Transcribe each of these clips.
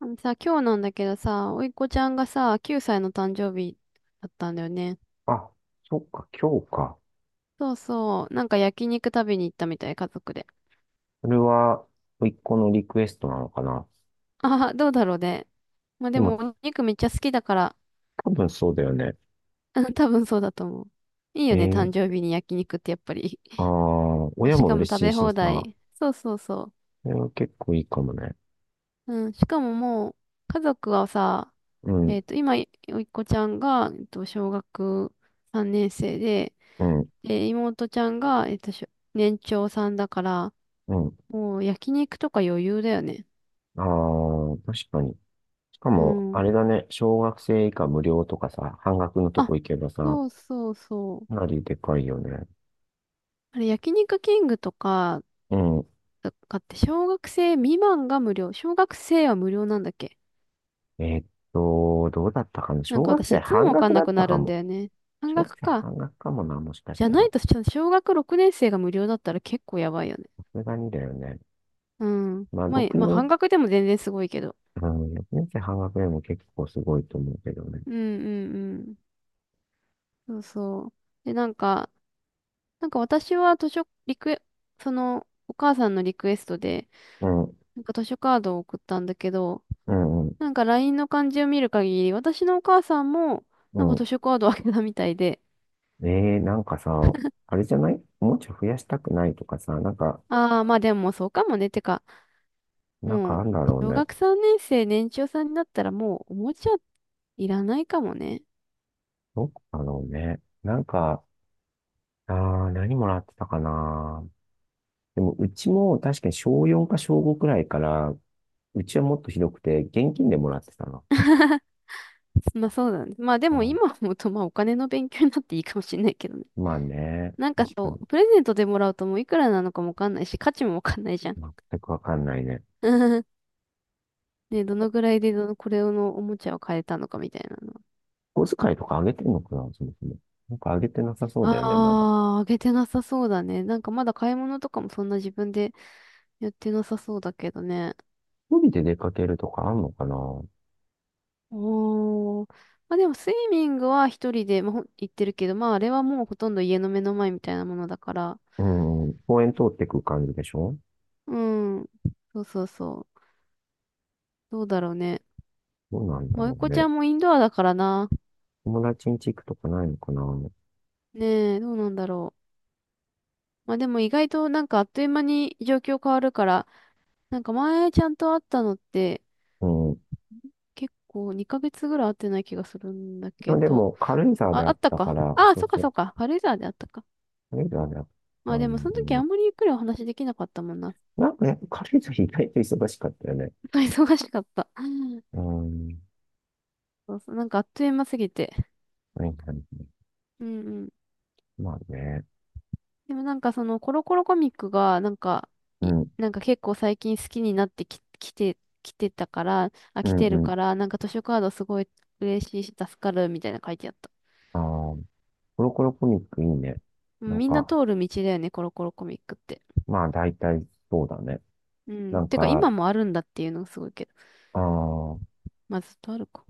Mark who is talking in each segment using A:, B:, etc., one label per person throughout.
A: あのさ、今日なんだけどさ、おいっ子ちゃんがさ、9歳の誕生日だったんだよね。
B: あ、そっか、今日か。
A: そうそう、なんか焼肉食べに行ったみたい、家族で。
B: それは、甥っ子のリクエストなのかな。
A: ああ、どうだろうね。まあ
B: で
A: で
B: も、
A: も、お肉めっちゃ好きだから、
B: 多分そうだよね。
A: うん多分そうだと思う。いい
B: え
A: よね、誕
B: ー、
A: 生日に焼肉ってやっぱり。
B: ああ、
A: まあ
B: 親
A: し
B: も
A: かも
B: 嬉
A: 食
B: しい
A: べ
B: し
A: 放
B: さ、
A: 題。そうそうそ
B: それは結構いいかもね。
A: う。うん、しかももう、家族はさ、
B: うん、
A: 今、おいっ子ちゃんが、小学3年生で、
B: うん、
A: で、妹ちゃんが、年長さんだから、
B: うん。
A: もう焼肉とか余裕だよね。
B: ああ、確かに。しか
A: う
B: も、あ
A: ん。
B: れだね、小学生以下無料とかさ、半額のとこ
A: あ、
B: 行けばさ、
A: そうそうそう。
B: かなりでかいよね。
A: あれ、焼肉キングとか、
B: うん。
A: とかって小学生未満が無料。小学生は無料なんだっけ。
B: えーっどうだったかな。
A: なん
B: 小
A: か
B: 学
A: 私
B: 生
A: いつも
B: 半
A: わかん
B: 額だ
A: な
B: っ
A: く
B: た
A: な
B: か
A: るん
B: も。
A: だよね。半
B: 小学
A: 額
B: 生
A: か。
B: 半額かもな、もしかし
A: じゃ
B: た
A: な
B: ら。
A: い
B: さ
A: と、小学6年生が無料だったら結構やばいよね。
B: すがにだよね。
A: うん。
B: まあ、
A: まあ、
B: 6
A: まあ、半
B: 年
A: 額でも全然すごいけど。
B: うん、年生半額でも結構すごいと思うけどね。
A: うんうんうん。そうそう。で、なんか私は図書、リクエ、その、お母さんのリクエストで、
B: うん、う
A: なんか図書カードを送ったんだけど、
B: ん、うん、
A: なんかラインの感じを見る限り、私のお母さんも、なんか
B: う
A: 図書カードをあけたみたいで、
B: えー、なんかさ、あれじゃないもうちょい増やしたくないとかさ、
A: ああ、まあでもそうかもね。てか、
B: なんか
A: も
B: あ
A: う、
B: んだろう
A: 小
B: ね。
A: 学3年生、年長さんになったらもう、おもちゃいらないかもね。
B: どこだろうね。あ何もらってたかな。でも、うちも確かに小4か小5くらいから、うちはもっとひどくて、現金でもらってたの。
A: まあそうだね。まあで
B: う
A: も
B: ん、
A: 今思うと、まあお金の勉強になっていいかもしれないけどね。
B: まあね、
A: なんか
B: 確か
A: そう、
B: に。
A: プレゼントでもらうともういくらなのかもわかんないし、価値もわかんないじゃん。
B: 全くわかんないね。
A: ね、どのぐらいでどの、これのおもちゃを買えたのかみたいなの。
B: 小遣いとかあげてんのかな、そもそも。なんかあげてなさそうだよね、まだ。
A: ああ、あげてなさそうだね。なんかまだ買い物とかもそんな自分でやってなさそうだけどね。
B: 一人で出かけるとかあんのかな。
A: おー。まあでもスイミングは一人で、まあ、行ってるけど、まああれはもうほとんど家の目の前みたいなものだから。
B: うん、公園通ってく感じでしょ。
A: うん。そうそうそう。どうだろうね。
B: どうなんだ
A: まあ、おい
B: ろう
A: こち
B: ね。
A: ゃんもインドアだからな。
B: 友達ん家行くとかないのかな。
A: ねえ、どうなんだろう。まあでも意外となんかあっという間に状況変わるから、なんか前ちゃんと会ったのって
B: うん。
A: 結構2ヶ月ぐらい会ってない気がするんだ
B: で
A: け
B: もで
A: ど。
B: も、軽井沢で
A: あ、
B: あ
A: あ
B: っ
A: った
B: たか
A: か。
B: ら、
A: ああ、
B: そう
A: そっか
B: そ
A: そ
B: う、
A: っか。軽井沢であったか。
B: 軽井沢であった
A: まあでも
B: ん
A: その
B: だ
A: 時
B: よ
A: あ
B: ね。
A: んまりゆっくりお話できなかったもんな。
B: なんかね、軽井沢意外と忙しかったよね。
A: 忙しかった。
B: うん。
A: そうそう、なんかあっという間すぎて。
B: はいはいはい。
A: うんうん。
B: まあね。
A: でもなんかそのコロコロコミックが、なんか、
B: う
A: い
B: ん、
A: なんか結構最近好きになってき、きて、きてたから、あ、
B: う
A: 来
B: ん、
A: てる
B: うん。
A: から、なんか図書カードすごい嬉しいし助かるみたいな書いてあった。
B: ああ、コロコロコミックいいね。
A: う
B: な
A: ん
B: ん
A: みんな
B: か、
A: 通る道だよね、コロコロコミックって。
B: まあ大体そうだね。
A: う
B: な
A: ん。
B: ん
A: てか
B: か、
A: 今もあるんだっていうのがすごいけど。
B: ああ、
A: まあずっとあるか。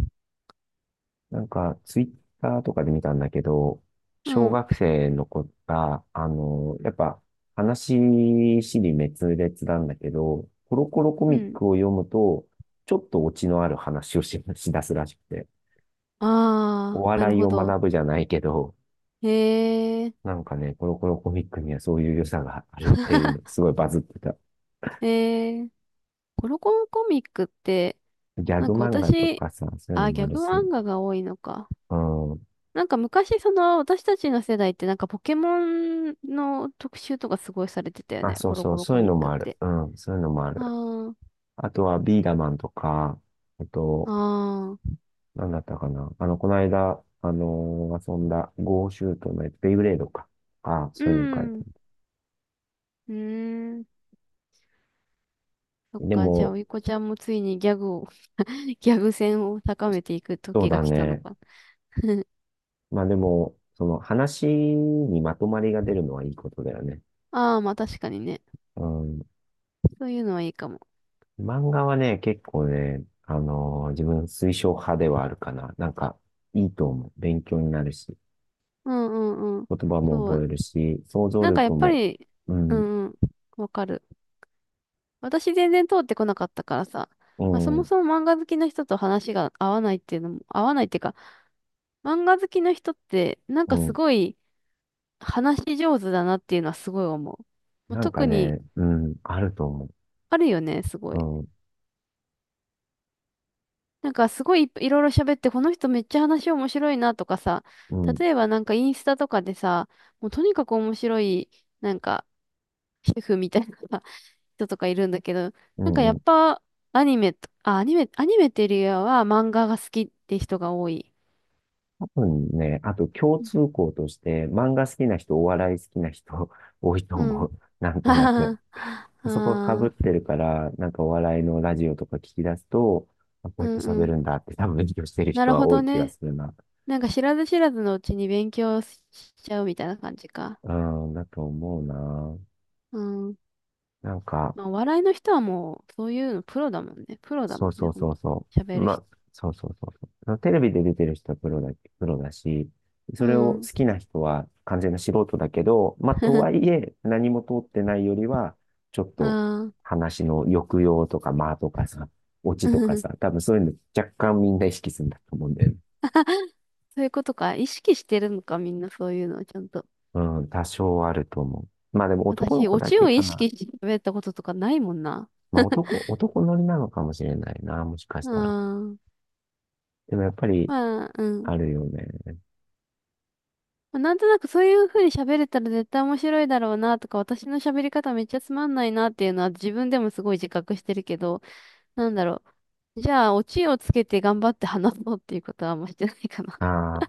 B: ツイッターとかで見たんだけど、
A: う
B: 小
A: ん。
B: 学生の子が、やっぱ、話しり滅裂なんだけど、コロコロコ
A: う
B: ミッ
A: ん。
B: クを読むと、ちょっとオチのある話をしだすらしくて、お
A: ああ、なる
B: 笑い
A: ほ
B: を
A: ど。
B: 学ぶじゃないけど、
A: へえ、
B: なんかね、コロコロコミックにはそういう良さがあるっていうの、すごいバズってた。
A: へえ、コロコロコミックって、
B: ギャ
A: なん
B: グ
A: か
B: 漫画と
A: 私、
B: かさ、そういうの
A: あ、
B: も
A: ギ
B: あ
A: ャ
B: る
A: グ
B: し、
A: 漫画が多いのか。
B: うん。
A: なんか昔、その、私たちの世代って、なんかポケモンの特集とかすごいされてたよ
B: あ、
A: ね。
B: そ
A: コ
B: う
A: ロ
B: そ
A: コ
B: う、
A: ロ
B: そう
A: コ
B: いう
A: ミ
B: の
A: ック
B: もあ
A: っ
B: る。
A: て。
B: うん、そういうのもある。
A: あ
B: あとは、ビーダマンとか、あと、
A: あ、ああ、
B: なんだったかな。あの、この間、遊んだ、ゴーシュートのやつベイブレードか。ああ、
A: う
B: そういうの書いて
A: ん、
B: あ
A: う
B: る。
A: ーん。そっ
B: で
A: か、じゃあ、お
B: も、
A: いこちゃんもついにギャグを ギャグ戦を高めていく
B: そう
A: 時が
B: だ
A: 来たの
B: ね。
A: か。
B: まあでも、その話にまとまりが出るのはいいことだよね。
A: ああ、まあ確かにね。
B: うん。
A: そういうのはいいかも。
B: 漫画はね、結構ね、自分推奨派ではあるかな。なんか、いいと思う。勉強になるし、
A: うんうんうん。
B: 言葉も
A: そ
B: 覚
A: う。
B: えるし、想像
A: なんかやっ
B: 力
A: ぱ
B: も、
A: り、
B: う
A: う
B: ん、
A: んうん、わかる。私全然通ってこなかったからさ、
B: う
A: まあ、そも
B: ん、
A: そも漫画好きな人と話が合わないっていうのも、合わないっていうか、漫画好きな人ってなん
B: う
A: かす
B: ん。
A: ごい話し上手だなっていうのはすごい思う。まあ、
B: なんか
A: 特に
B: ね、うん、あると思
A: あるよね、すご
B: う。
A: い。
B: うん、
A: なんかすごいいろいろ喋って、この人めっちゃ話面白いなとかさ、
B: うん、
A: 例えばなんかインスタとかでさ、もうとにかく面白い、なんか主婦みたいな 人とかいるんだけど、
B: う
A: なんかや
B: ん、う
A: っ
B: ん。
A: ぱアニメと、あ、アニメ、アニメっていうよりは漫画が好きって人が多い。
B: そうね。あと共通項として、漫画好きな人、お笑い好きな人 多いと
A: う
B: 思
A: ん。
B: う。なんとなく。
A: あ
B: そこが被っ
A: あ、
B: てるから、なんかお笑いのラジオとか聞き出すと、あ、こ
A: う
B: うやっ
A: ん
B: て
A: う
B: 喋
A: ん。
B: るんだって多分勉強してる
A: な
B: 人
A: る
B: は
A: ほ
B: 多
A: ど
B: い気が
A: ね。
B: するな。
A: なんか知らず知らずのうちに勉強しちゃうみたいな感じか。
B: うん、だと思うな。
A: うん。
B: なんか、
A: まあ、お笑いの人はもう、そういうのプロだもんね。プロだも
B: そう
A: ん
B: そ
A: ね、
B: う
A: ほん
B: そう
A: と。
B: そう。
A: 喋る
B: ま
A: 人。
B: あ、そうそうそうそう。テレビで出てる人はプロだし、そ
A: う
B: れを好
A: ん。
B: きな人は完全な素人だけど、まあ、とは いえ、何も通ってないよりは、ちょっと
A: ああ。
B: 話の抑揚とか間とかさ、オチとかさ、多分そういうの若干みんな意識するんだと思うんだよね。
A: そういうことか。意識してるのか、みんなそういうのをちゃんと。
B: うん、多少あると思う。まあでも男の
A: 私、
B: 子
A: オ
B: だ
A: チ
B: け
A: を
B: か
A: 意
B: な。
A: 識して喋ったこととかないもんな。
B: 男乗りなのかもしれないな、もしかし
A: う
B: たら。
A: ーん。
B: でもやっぱり
A: まあ、うん。
B: あるよね。
A: まあなんとなくそういう風に喋れたら絶対面白いだろうなとか、私の喋り方めっちゃつまんないなっていうのは自分でもすごい自覚してるけど、なんだろう。じゃあ、オチをつけて頑張って話そうっていうことはあんましてないかな。
B: ああ。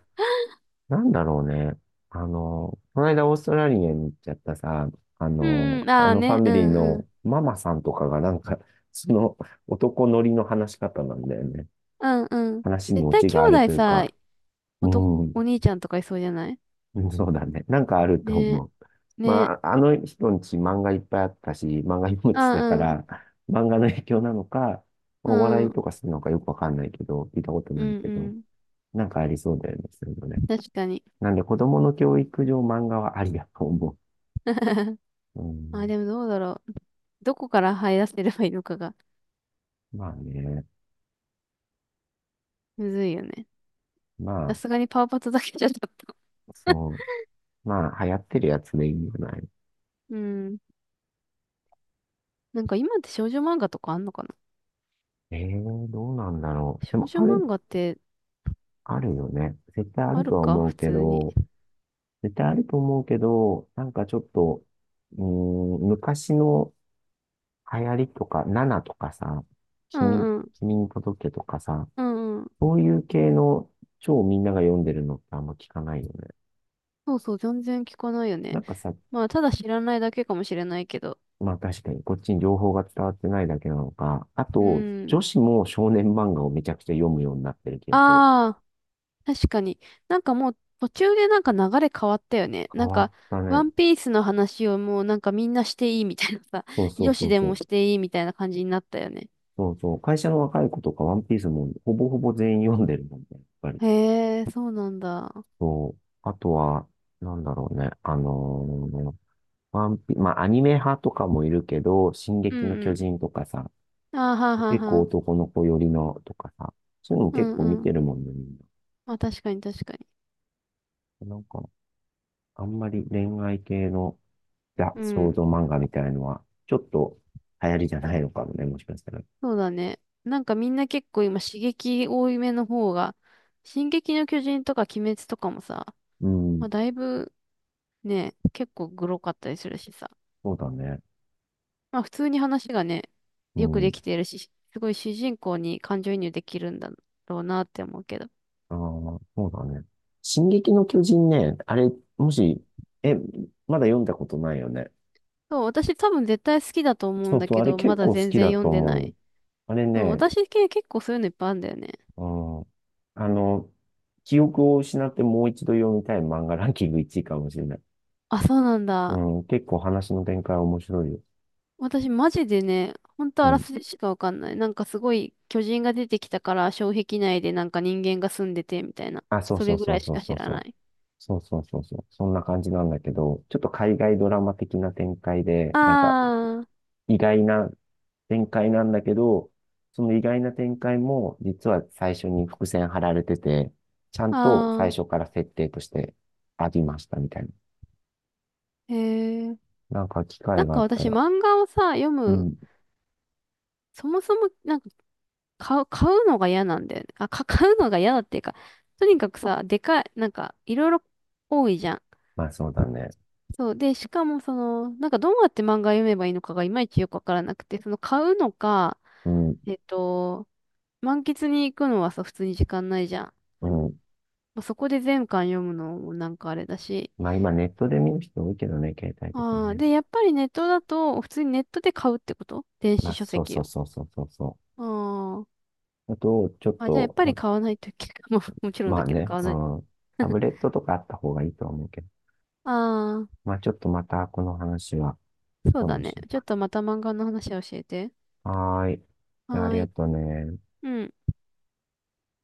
B: なんだろうね。あの、この間オーストラリアに行っちゃったさ、
A: うんうん、
B: あ
A: ああ
B: のファ
A: ね、う
B: ミリー
A: んうん。
B: のママさんとかがなんか、その男乗りの話し方なんだよね。
A: うんうん。
B: 話に
A: 絶
B: オ
A: 対
B: チ
A: 兄
B: がある
A: 弟
B: という
A: さ、
B: か、うん、
A: お兄ちゃんとかいそうじゃない
B: うん、そうだね。なんかあると
A: ね、
B: 思う。
A: ね、
B: まあ、あの人んち漫画いっぱいあったし、漫画読むって言ってたか
A: あ、うん、
B: ら、漫画の影響なのか、
A: う
B: お笑いと
A: ん、
B: かするのかよくわかんないけど、聞いたこと
A: う
B: ない
A: ん
B: け
A: う
B: ど、
A: ん。
B: なんかありそうだよね、そういうのね。
A: 確かに。
B: なんで子供の教育上漫画はありだと思 う。う
A: あ、
B: ん、
A: でもどうだろう。どこから這い出せればいいのかが、
B: まあね。
A: むずいよね。
B: ま
A: さ
B: あ、
A: すがにパワーパッドだけじゃちょっと。
B: そう。まあ、流行ってるやつでいいんじゃない。
A: うん。なんか今って少女漫画とかあんのかな。
B: ええー、どうなんだろう。で
A: 少
B: も、
A: 女
B: あ
A: 漫
B: る、
A: 画って
B: あるよね。絶対あ
A: あ
B: る
A: る
B: とは
A: か
B: 思
A: 普
B: うけ
A: 通に。
B: ど、絶対あると思うけど、なんかちょっと、うーん、昔の流行りとか、ナナとかさ、
A: う
B: 君、
A: んうん。
B: 君に届けとかさ、
A: うんうん。
B: そういう系の超みんなが読んでるのってあんま聞かないよね。
A: そうそう、全然聞かないよ
B: な
A: ね。
B: んかさ、
A: まあ、ただ知らないだけかもしれないけど。
B: まあ確かに、こっちに情報が伝わってないだけなのか。あ
A: う
B: と、
A: ん。
B: 女子も少年漫画をめちゃくちゃ読むようになってる気がする。
A: ああ、確かに。なんかもう途中でなんか流れ変わったよね。な
B: 変
A: ん
B: わっ
A: か、
B: た
A: ワ
B: ね。
A: ンピースの話をもうなんかみんなしていいみたいなさ、
B: そう そう
A: 女
B: そ
A: 子
B: う
A: で
B: そ
A: も
B: う。
A: していいみたいな感じになったよね。
B: そうそう。会社の若い子とかワンピースもほぼほぼ全員読んでるもんね、やっぱり。
A: へえ、そうなんだ。
B: そう。あとは、なんだろうね。あのーワンピ、まあアニメ派とかもいるけど、進
A: うん
B: 撃の
A: う
B: 巨
A: ん。
B: 人とかさ、
A: あーはんはん
B: 結
A: は
B: 構
A: ん。
B: 男の子寄りのとかさ、そういうのも
A: う
B: 結
A: ん
B: 構見
A: うん。
B: てるもんね、みん
A: まあ確かに確かに。
B: な。なんか、あんまり恋愛系のいや、
A: う
B: 想
A: ん。
B: 像漫画みたいのは、ちょっと流行りじゃないのかもね、もしかしたら。
A: そうだね。なんかみんな結構今刺激多いめの方が、進撃の巨人とか鬼滅とかもさ、
B: う
A: ま
B: ん、
A: あだいぶね、結構グロかったりするしさ。
B: そうだね。
A: まあ普通に話がね、
B: う
A: よくで
B: ん、
A: きてるし、すごい主人公に感情移入できるんだろうなって思うけど。
B: ああ、そうだね。進撃の巨人ね、あれ、もし、え、まだ読んだことないよね。
A: そう、私多分絶対好きだと思う
B: そ
A: ん
B: う
A: だ
B: そう、
A: け
B: あれ
A: ど、ま
B: 結
A: だ
B: 構好
A: 全
B: き
A: 然
B: だ
A: 読
B: と
A: んで
B: 思う
A: な
B: よ。
A: い。
B: あれ
A: そう、
B: ね、
A: 私系結構そういうのいっぱいあるんだよね。
B: うん、あの、記憶を失ってもう一度読みたい漫画ランキング1位かもしれない。
A: あ、そうなん
B: う
A: だ。
B: ん、結構話の展開面白いよ。
A: 私マジでね、ほんと
B: う
A: あら
B: ん。
A: すじしかわかんない。なんかすごい巨人が出てきたから障壁内でなんか人間が住んでてみたいな。
B: あ、そう
A: そ
B: そ
A: れ
B: う
A: ぐ
B: そ
A: ら
B: う
A: いし
B: そう
A: か
B: そ
A: 知
B: う
A: ら
B: そ
A: な
B: う。
A: い。
B: そうそうそうそう。そんな感じなんだけど、ちょっと海外ドラマ的な展開で、
A: あ
B: なんか
A: ー、
B: 意外な展開なんだけど、その意外な展開も実は最初に伏線張られてて、ちゃんと最
A: あ
B: 初から設定としてありましたみたいな。
A: ー、へー。
B: なんか機
A: な
B: 会
A: ん
B: があ
A: か
B: った
A: 私
B: ら。
A: 漫画をさ、読
B: う
A: む、
B: ん。
A: そもそもなんか買う、買うのが嫌なんだよね。買うのが嫌だっていうか、とにかくさ、でかい、なんかいろいろ多いじゃん。
B: まあそうだね。
A: そう。で、しかもその、なんかどうやって漫画読めばいいのかがいまいちよくわからなくて、その買うのか、
B: うん。
A: えっと、満喫に行くのはさ、普通に時間ないじゃん。ま
B: うん。
A: あ、そこで全巻読むのもなんかあれだし。
B: まあ今ネットで見る人多いけどね、携帯とか
A: ああ、
B: ね。
A: で、やっぱりネットだと、普通にネットで買うってこと電
B: ま
A: 子
B: あ
A: 書
B: そう
A: 籍
B: そう
A: を。
B: そうそうそうそ
A: あー
B: う。あと、ちょっ
A: じゃあやっ
B: と、
A: ぱり買わないといけない。もうもちろん
B: ま
A: だ
B: あ
A: けど
B: ね、
A: 買わ
B: う
A: ない。
B: ん。タ ブレットとかあった方がいいとは思うけど。
A: ああ、
B: まあ、ちょっとまたこの話は
A: そう
B: 今
A: だ
B: 度
A: ね。
B: しよう
A: ちょっ
B: か。
A: とまた漫画の話を教えて。
B: はーい。じゃあ、あ
A: は
B: り
A: ー
B: が
A: い。
B: とうね。
A: うん。